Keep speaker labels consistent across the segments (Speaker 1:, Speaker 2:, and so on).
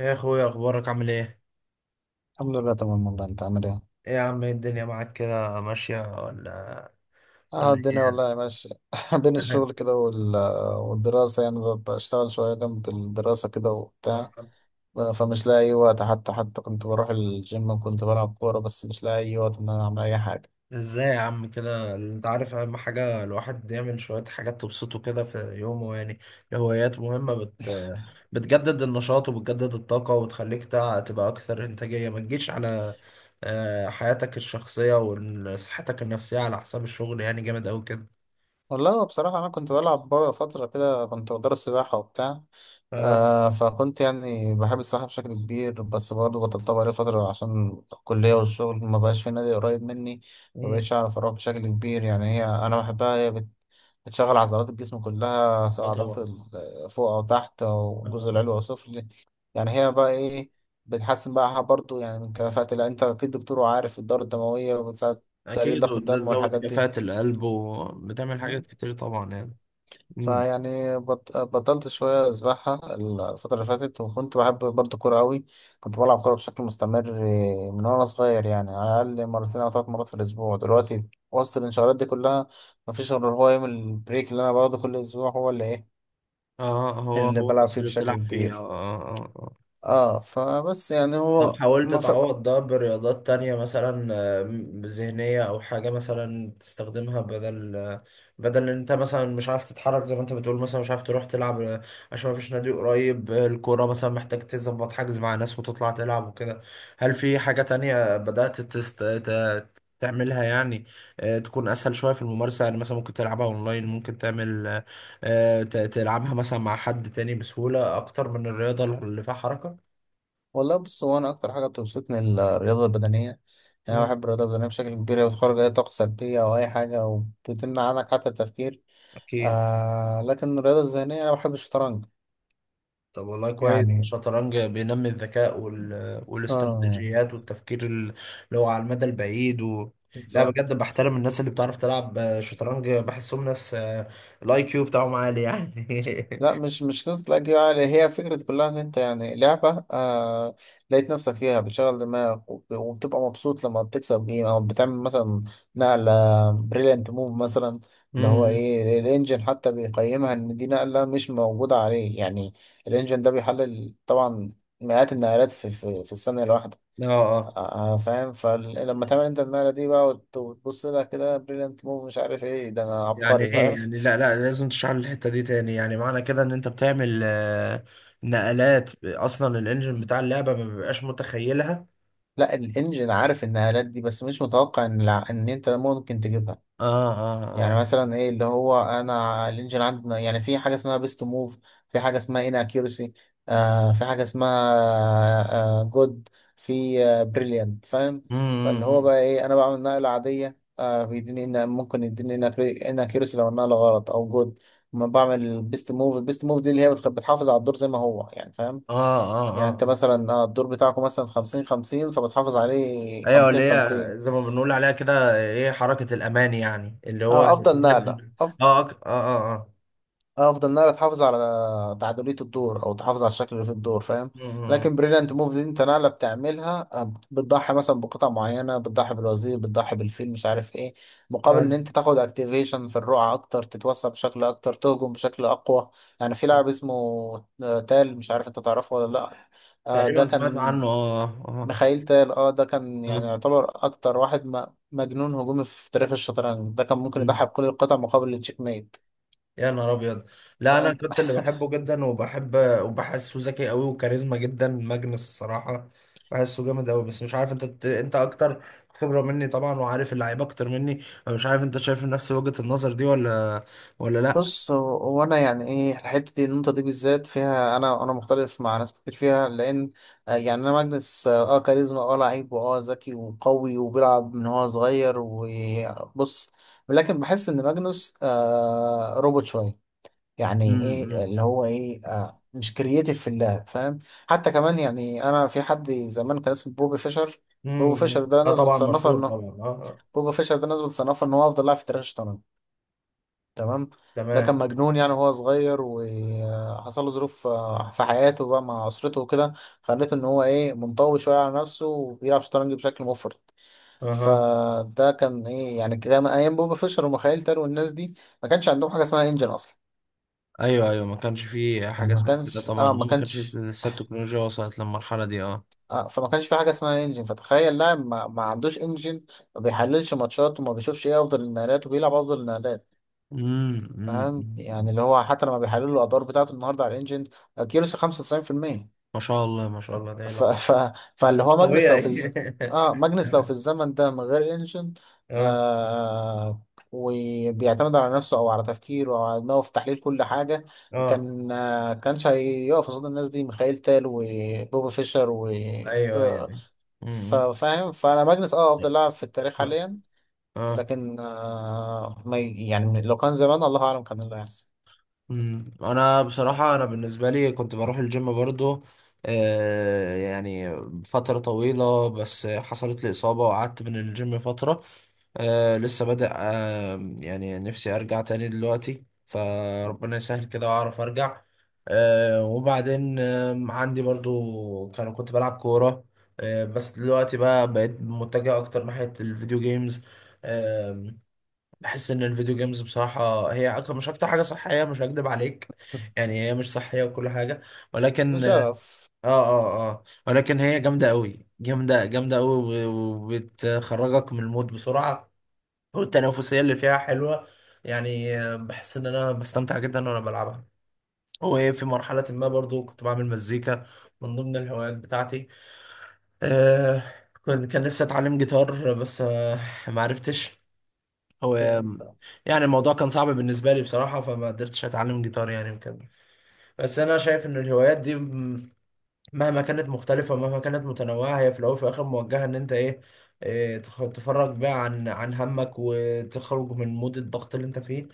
Speaker 1: ايه يا اخويا، اخبارك؟ عامل ايه؟
Speaker 2: الحمد لله تمام، والله انت عامل ايه؟
Speaker 1: ايه يا عم، إيه الدنيا معاك كده ماشية ولا
Speaker 2: اه
Speaker 1: ولا
Speaker 2: الدنيا
Speaker 1: ايه؟
Speaker 2: والله ماشية بين الشغل كده والدراسة، يعني بشتغل شوية جنب الدراسة كده وبتاع. فمش لاقي أي وقت. حتى كنت بروح الجيم وكنت بلعب كورة، بس مش لاقي أي وقت إن أنا أعمل أي حاجة.
Speaker 1: ازاي يا عم كده، انت عارف اهم حاجة الواحد يعمل شوية حاجات تبسطه كده في يومه يعني. الهوايات مهمة، بتجدد النشاط وبتجدد الطاقة وتخليك تبقى اكثر انتاجية. ما تجيش على حياتك الشخصية وصحتك النفسية على حساب الشغل، يعني جامد اوي كده.
Speaker 2: والله هو بصراحة أنا كنت بلعب بره فترة كده، كنت بدرب سباحة وبتاع.
Speaker 1: اه.
Speaker 2: فكنت يعني بحب السباحة بشكل كبير، بس برضه بطلت بقالي فترة عشان الكلية والشغل، ما بقاش في نادي قريب مني، ما
Speaker 1: مم.
Speaker 2: بقتش أعرف أروح بشكل كبير. يعني هي أنا بحبها، هي بتشغل عضلات الجسم كلها، سواء عضلات
Speaker 1: اه
Speaker 2: فوق أو تحت، أو الجزء
Speaker 1: طبعا.
Speaker 2: العلوي أو السفلي. يعني هي بقى إيه، بتحسن بقى برضه يعني من كفاءة، لا أنت أكيد دكتور وعارف، الدورة الدموية، وبتساعد تقليل
Speaker 1: اكيد،
Speaker 2: ضغط
Speaker 1: وده
Speaker 2: الدم
Speaker 1: تزود
Speaker 2: والحاجات
Speaker 1: كفاءة القلب وبتعمل
Speaker 2: دي.
Speaker 1: حاجات كتير طبعا يعني. امم.
Speaker 2: فيعني بطلت شوية أسبحها الفترة اللي فاتت. وكنت بحب برضه كورة أوي، كنت بلعب كورة بشكل مستمر من وأنا صغير، يعني على الأقل مرتين أو ثلاث مرات في الأسبوع. دلوقتي وسط الانشغالات دي كلها مفيش غير هو يوم البريك اللي أنا باخده كل أسبوع، هو اللي إيه،
Speaker 1: اه، هو
Speaker 2: اللي
Speaker 1: هو
Speaker 2: بلعب
Speaker 1: بس
Speaker 2: فيه
Speaker 1: اللي
Speaker 2: بشكل
Speaker 1: بتلعب فيه. اه
Speaker 2: كبير.
Speaker 1: اه اه آه.
Speaker 2: اه فبس يعني
Speaker 1: طب
Speaker 2: هو
Speaker 1: حاولت
Speaker 2: ما ف...
Speaker 1: تعوض ده برياضات تانية مثلا، ذهنية أو حاجة مثلا تستخدمها، بدل بدل إن أنت مثلا مش عارف تتحرك زي ما أنت بتقول، مثلا مش عارف تروح تلعب، عشان مفيش نادي قريب، الكورة مثلا محتاج تظبط حجز مع ناس وتطلع تلعب وكده. هل في حاجة تانية بدأت تعملها يعني؟ تكون اسهل شويه في الممارسه، يعني مثلا ممكن تلعبها اونلاين، ممكن تعمل تلعبها مثلا مع حد تاني بسهوله اكتر من الرياضه اللي فيها حركه.
Speaker 2: والله بص، هو انا اكتر حاجه بتبسطني الرياضه البدنيه. يعني انا
Speaker 1: مم.
Speaker 2: بحب الرياضه البدنيه بشكل كبير، هي بتخرج اي طاقه سلبيه او اي حاجه، وبتمنع عنك حتى التفكير.
Speaker 1: اكيد.
Speaker 2: لكن الرياضه الذهنيه، انا بحب الشطرنج.
Speaker 1: طب والله كويس،
Speaker 2: يعني
Speaker 1: الشطرنج بينمي الذكاء
Speaker 2: اه يعني
Speaker 1: والاستراتيجيات والتفكير اللي هو على المدى البعيد. لا بجد،
Speaker 2: بالظبط.
Speaker 1: بحترم الناس اللي بتعرف تلعب شطرنج، بحسهم ناس الاي كيو بتاعهم عالي يعني.
Speaker 2: لا، مش قصة الأجيال، يعني هي فكرة كلها إن أنت يعني لعبة لقيت نفسك فيها بتشغل دماغك، وبتبقى مبسوط لما بتكسب جيم، أو بتعمل مثلا نقلة بريليانت موف مثلا، اللي هو
Speaker 1: امم.
Speaker 2: إيه، الإنجن حتى بيقيمها إن دي نقلة مش موجودة عليه. يعني الإنجن ده بيحلل طبعا مئات النقلات في الثانية الواحدة.
Speaker 1: اه
Speaker 2: فاهم، فلما تعمل أنت النقلة دي بقى، وتبص لها كده، بريليانت موف، مش عارف إيه، ده أنا
Speaker 1: يعني،
Speaker 2: عبقري،
Speaker 1: ايه
Speaker 2: فاهم.
Speaker 1: يعني، لا لا، لازم تشرح لي الحته دي تاني، يعني معنى كده ان انت بتعمل نقلات اصلا الانجن بتاع اللعبه ما بيبقاش متخيلها.
Speaker 2: لا، الانجن عارف النقلات دي، بس مش متوقع ان انت ممكن تجيبها.
Speaker 1: اه اه
Speaker 2: يعني
Speaker 1: اه.
Speaker 2: مثلا ايه اللي هو، انا الانجن عندنا يعني في حاجه اسمها بيست موف، في حاجه اسمها ان اكيورسي، في حاجه اسمها جود، في بريليانت، فاهم. فاللي هو
Speaker 1: امم.
Speaker 2: بقى ايه، انا بعمل نقله عاديه، بيديني إن ممكن يديني ان اكيورسي لو النقله غلط، او جود ما بعمل بيست موف. البيست موف دي اللي هي بتحافظ على الدور زي ما هو، يعني فاهم.
Speaker 1: اه اه
Speaker 2: يعني انت
Speaker 1: اه.
Speaker 2: مثلا، الدور بتاعكم مثلا 50 50، فبتحافظ عليه
Speaker 1: ايوه، اللي
Speaker 2: 50
Speaker 1: هي
Speaker 2: 50.
Speaker 1: زي ما بنقول عليها كده، ايه، حركه الامان، يعني اللي هو
Speaker 2: اه افضل نقله أف...
Speaker 1: اه اه اه اه.
Speaker 2: افضل نقله تحافظ على تعادليه الدور، او تحافظ على الشكل اللي في الدور، فاهم.
Speaker 1: مم، مم.
Speaker 2: لكن بريليانت موف دي انت نقله بتعملها، بتضحي مثلا بقطع معينه، بتضحي بالوزير، بتضحي بالفيل، مش عارف ايه، مقابل
Speaker 1: آه.
Speaker 2: ان انت تاخد اكتيفيشن في الرقعه اكتر، تتوسع بشكل اكتر، تهجم بشكل اقوى. يعني في لاعب اسمه تال، مش عارف انت تعرفه ولا لا، ده
Speaker 1: تقريبا سمعت
Speaker 2: كان
Speaker 1: عنه اه.
Speaker 2: ميخائيل تال، ده كان يعني
Speaker 1: اه
Speaker 2: يعتبر اكتر واحد مجنون هجومي في تاريخ الشطرنج. ده كان ممكن
Speaker 1: آه.
Speaker 2: يضحي بكل القطع مقابل التشيك ميت،
Speaker 1: يا نهار ابيض. لا، انا
Speaker 2: فاهم.
Speaker 1: كنت اللي بحبه جدا وبحب وبحسه ذكي قوي وكاريزما جدا، ماجنس الصراحه، بحسه جامد قوي. بس مش عارف، انت انت اكتر خبره مني طبعا وعارف اللعيبه اكتر مني، فمش عارف انت شايف نفس وجهه النظر دي ولا ولا لا.
Speaker 2: بص هو، انا يعني ايه الحته دي، النقطه دي بالذات فيها انا، مختلف مع ناس كتير فيها، لان يعني انا ماجنس، كاريزما، لعيب، واه ذكي وقوي وبيلعب من هو صغير، وبص، لكن بحس ان ماجنس روبوت شويه. يعني ايه
Speaker 1: امم
Speaker 2: اللي هو ايه، مش كرييتيف في اللعب، فاهم. حتى كمان، يعني انا في حد زمان كان اسمه بوبي فيشر. بوبي
Speaker 1: امم.
Speaker 2: فيشر ده
Speaker 1: اه
Speaker 2: ناس
Speaker 1: طبعا
Speaker 2: بتصنفه
Speaker 1: مشهور
Speaker 2: انه
Speaker 1: طبعا. اه آه.
Speaker 2: بوبي فيشر ده ناس بتصنفه ان هو افضل لاعب في تاريخ الشطرنج، تمام. ده كان
Speaker 1: تمام.
Speaker 2: مجنون يعني وهو صغير، وحصل له ظروف في حياته بقى مع اسرته وكده، خلته ان هو ايه، منطوي شويه على نفسه، وبيلعب شطرنج بشكل مفرط.
Speaker 1: اها.
Speaker 2: فده كان ايه، يعني كان ايام بوبي فيشر وميخائيل تال والناس دي ما كانش عندهم حاجه اسمها انجن اصلا.
Speaker 1: ايوه ايوه، ما كانش فيه حاجه
Speaker 2: يعني ما
Speaker 1: اسمها كده
Speaker 2: كانش
Speaker 1: طبعا،
Speaker 2: اه
Speaker 1: اه
Speaker 2: ما
Speaker 1: ما كانش
Speaker 2: كانش
Speaker 1: لسه التكنولوجيا وصلت للمرحله دي اه.
Speaker 2: آه، فما كانش في حاجه اسمها انجن. فتخيل لاعب ما عندوش انجن، ما بيحللش ماتشات، وما بيشوفش ايه افضل النقلات، وبيلعب افضل النقلات،
Speaker 1: أمم،
Speaker 2: فاهم. يعني
Speaker 1: أمم.
Speaker 2: اللي هو حتى لما بيحللوا الادوار بتاعته النهارده على الانجن، كيروس 95%.
Speaker 1: ما شاء الله ما شاء الله، ده
Speaker 2: ف...
Speaker 1: إله.
Speaker 2: ف... فاللي
Speaker 1: مش
Speaker 2: هو ماجنس لو
Speaker 1: طبيعي.
Speaker 2: في الز... اه ماجنس لو في الزمن ده من غير انجن،
Speaker 1: اه
Speaker 2: آه وبيعتمد على نفسه، او على تفكيره، او على دماغه في تحليل كل حاجه،
Speaker 1: اه،
Speaker 2: كان كانش هيقف قصاد الناس دي، ميخائيل تال وبوبا فيشر، و
Speaker 1: ايوه ايوه
Speaker 2: آه،
Speaker 1: أيوة. امم.
Speaker 2: فاهم. فانا ماجنس افضل لاعب في التاريخ
Speaker 1: طيب.
Speaker 2: حاليا،
Speaker 1: اه.
Speaker 2: لكن آه ما ي- يعني لو كان زمان، الله اعلم كان اللي هيحصل.
Speaker 1: أمم. انا بصراحه، انا بالنسبه لي كنت بروح الجيم برضو، يعني فتره طويله، بس حصلت لي اصابه وقعدت من الجيم فتره. لسه بادئ، يعني نفسي ارجع تاني دلوقتي، فربنا يسهل كده واعرف ارجع. وبعدين عندي برضو، كنت بلعب كورة، بس دلوقتي بقى بقيت متجه اكتر ناحية الفيديو جيمز. آه بحس ان الفيديو جيمز بصراحة هي مش اكتر حاجة صحية، مش هكدب عليك. يعني هي مش صحية وكل حاجة،
Speaker 2: ده
Speaker 1: ولكن اه
Speaker 2: شغف.
Speaker 1: اه اه آه، ولكن هي جامدة قوي، جامدة جامدة قوي، وبتخرجك من المود بسرعة، والتنافسية اللي فيها حلوة، يعني. بحس ان انا بستمتع جدا وانا بلعبها. وفي مرحلة ما برضو كنت بعمل مزيكا من ضمن الهوايات بتاعتي. آه كنت، كان نفسي اتعلم جيتار، بس ما عرفتش هو،
Speaker 2: يعني انت.
Speaker 1: يعني الموضوع كان صعب بالنسبة لي بصراحة، فما قدرتش اتعلم جيتار يعني وكده. بس انا شايف ان الهوايات دي مهما كانت مختلفة، مهما كانت متنوعة، هي في الأول وفي الآخر موجهة إن أنت تفرج بقى عن همك وتخرج من مود الضغط اللي أنت فيه،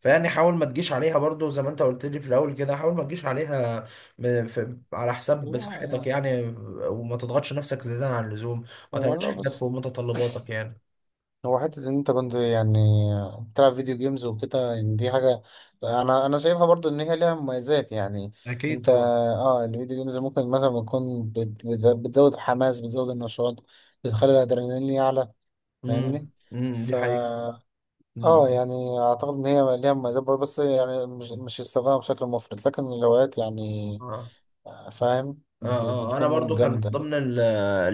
Speaker 1: فيعني حاول ما تجيش عليها برضو، زي ما أنت قلت لي في الأول كده، حاول ما تجيش عليها في على حساب
Speaker 2: لا
Speaker 1: صحتك
Speaker 2: يعني،
Speaker 1: يعني. وما تضغطش نفسك زيادة عن اللزوم، ما
Speaker 2: هو
Speaker 1: تعملش
Speaker 2: والله
Speaker 1: حاجات
Speaker 2: بص،
Speaker 1: فوق متطلباتك يعني.
Speaker 2: هو حتة إن أنت كنت يعني بتلعب فيديو جيمز وكده، يعني دي حاجة أنا شايفها برضو إن هي ليها مميزات. يعني
Speaker 1: اكيد
Speaker 2: أنت
Speaker 1: طبعا.
Speaker 2: الفيديو جيمز ممكن مثلا تكون بتزود الحماس، بتزود النشاط، بتخلي الأدرينالين يعلى،
Speaker 1: امم
Speaker 2: فاهمني؟
Speaker 1: امم،
Speaker 2: ف
Speaker 1: دي حقيقة. امم.
Speaker 2: اه يعني اعتقد ان هي ليها مميزات برضه، بس يعني مش استخدامها بشكل مفرط، لكن الروايات يعني
Speaker 1: آه.
Speaker 2: فاهم،
Speaker 1: اه اه، انا
Speaker 2: بتكون
Speaker 1: برضو كان من
Speaker 2: جامدة.
Speaker 1: ضمن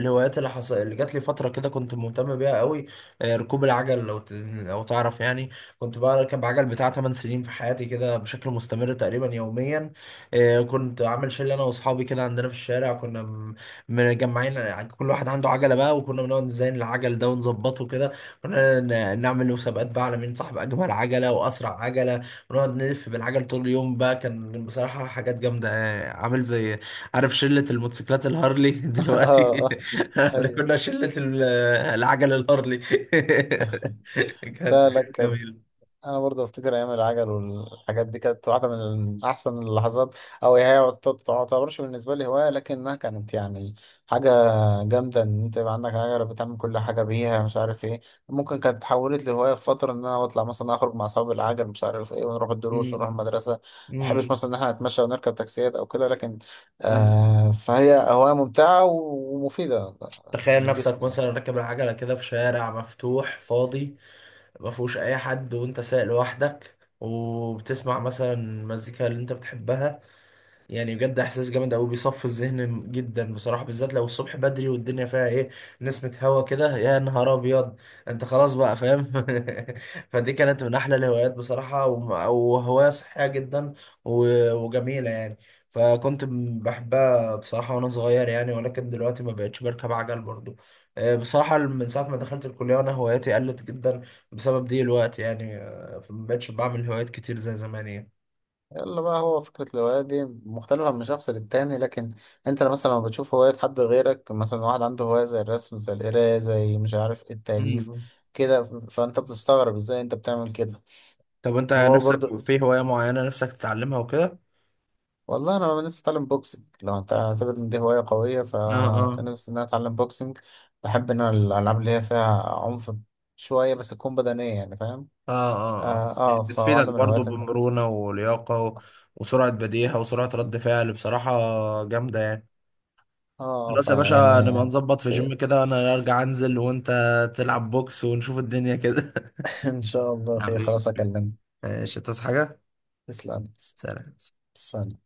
Speaker 1: الهوايات اللي اللي جات لي فتره كده كنت مهتم بيها قوي، ركوب العجل، لو تعرف يعني. كنت بركب عجل بتاع 8 سنين في حياتي كده بشكل مستمر تقريبا يوميا. كنت عامل شله انا واصحابي كده عندنا في الشارع، كنا مجمعين، كل واحد عنده عجله بقى، وكنا بنقعد نزين العجل ده ونظبطه كده، كنا نعمل مسابقات بقى على مين صاحب اجمل عجله واسرع عجله، ونقعد نلف بالعجل طول اليوم بقى. كان بصراحه حاجات جامده، عامل زي، عارف شلة الموتوسيكلات الهارلي
Speaker 2: اه،
Speaker 1: دلوقتي؟
Speaker 2: اه،
Speaker 1: احنا
Speaker 2: ايوه.
Speaker 1: كنا شلة العجل الهارلي. كانت
Speaker 2: لا لا،
Speaker 1: حاجة
Speaker 2: كانت،
Speaker 1: جميلة.
Speaker 2: انا برضه افتكر ايام العجل والحاجات دي كانت واحده من احسن اللحظات، او هي ما تعتبرش بالنسبه لي هوايه، لكنها كانت يعني حاجه جامده، ان انت يبقى عندك عجله بتعمل كل حاجه بيها، مش عارف ايه. ممكن كانت اتحولت لهوايه في فتره، ان انا بطلع مثلا اخرج مع اصحابي العجل، مش عارف ايه، ونروح الدروس، ونروح
Speaker 1: مم.
Speaker 2: المدرسه. ما بحبش
Speaker 1: مم.
Speaker 2: مثلا ان احنا نتمشى ونركب تاكسيات او كده، لكن
Speaker 1: مم.
Speaker 2: فهي هوايه ممتعه ومفيده
Speaker 1: تخيل
Speaker 2: للجسم
Speaker 1: نفسك
Speaker 2: يعني.
Speaker 1: مثلا راكب العجلة كده في شارع مفتوح فاضي، ما فيهوش أي حد وأنت سايق لوحدك وبتسمع مثلا المزيكا اللي أنت بتحبها، يعني بجد احساس جامد قوي بيصفي الذهن جدا بصراحه، بالذات لو الصبح بدري والدنيا فيها ايه، نسمه هوا كده، يا نهار ابيض. انت خلاص بقى فاهم. فدي كانت من احلى الهوايات بصراحه، وهوايه صحيه جدا وجميله يعني. فكنت بحبها بصراحه وانا صغير يعني، ولكن دلوقتي ما بقتش بركب عجل برضو. بصراحه من ساعه ما دخلت الكليه وانا هواياتي قلت جدا بسبب دي الوقت يعني. فما بقتش بعمل هوايات كتير زي زمان
Speaker 2: يلا بقى، هو فكرة الهواية دي مختلفة من شخص للتاني، لكن انت مثلا لما بتشوف هواية حد غيرك، مثلا واحد عنده هواية زي الرسم، زي القراية، زي مش عارف ايه، التأليف
Speaker 1: يعني.
Speaker 2: كده، فانت بتستغرب ازاي انت بتعمل كده،
Speaker 1: طب انت
Speaker 2: وهو
Speaker 1: نفسك
Speaker 2: برضه.
Speaker 1: في هواية معينة نفسك تتعلمها وكده؟
Speaker 2: والله انا لسه اتعلم بوكسنج، لو انت اعتبر ان دي هواية قوية،
Speaker 1: اه
Speaker 2: فكان
Speaker 1: اه
Speaker 2: نفسي ان انا اتعلم بوكسنج. بحب ان انا الالعاب اللي هي فيها عنف شوية، بس تكون بدنية، يعني فاهم.
Speaker 1: اه اه اه. بتفيدك
Speaker 2: فواحدة من
Speaker 1: برضو
Speaker 2: الهوايات.
Speaker 1: بمرونة ولياقة، وسرعة بديهة وسرعة رد فعل بصراحة، جامدة يعني.
Speaker 2: اه
Speaker 1: خلاص يا باشا، نبقى
Speaker 2: فيعني
Speaker 1: نظبط في
Speaker 2: خير.
Speaker 1: جيم كده، انا ارجع انزل وانت تلعب بوكس ونشوف الدنيا كده.
Speaker 2: ان شاء الله خير،
Speaker 1: حبيبي،
Speaker 2: خلاص اكلمك.
Speaker 1: ماشي تصحى حاجة؟
Speaker 2: تسلم.
Speaker 1: سلام.
Speaker 2: ثانية.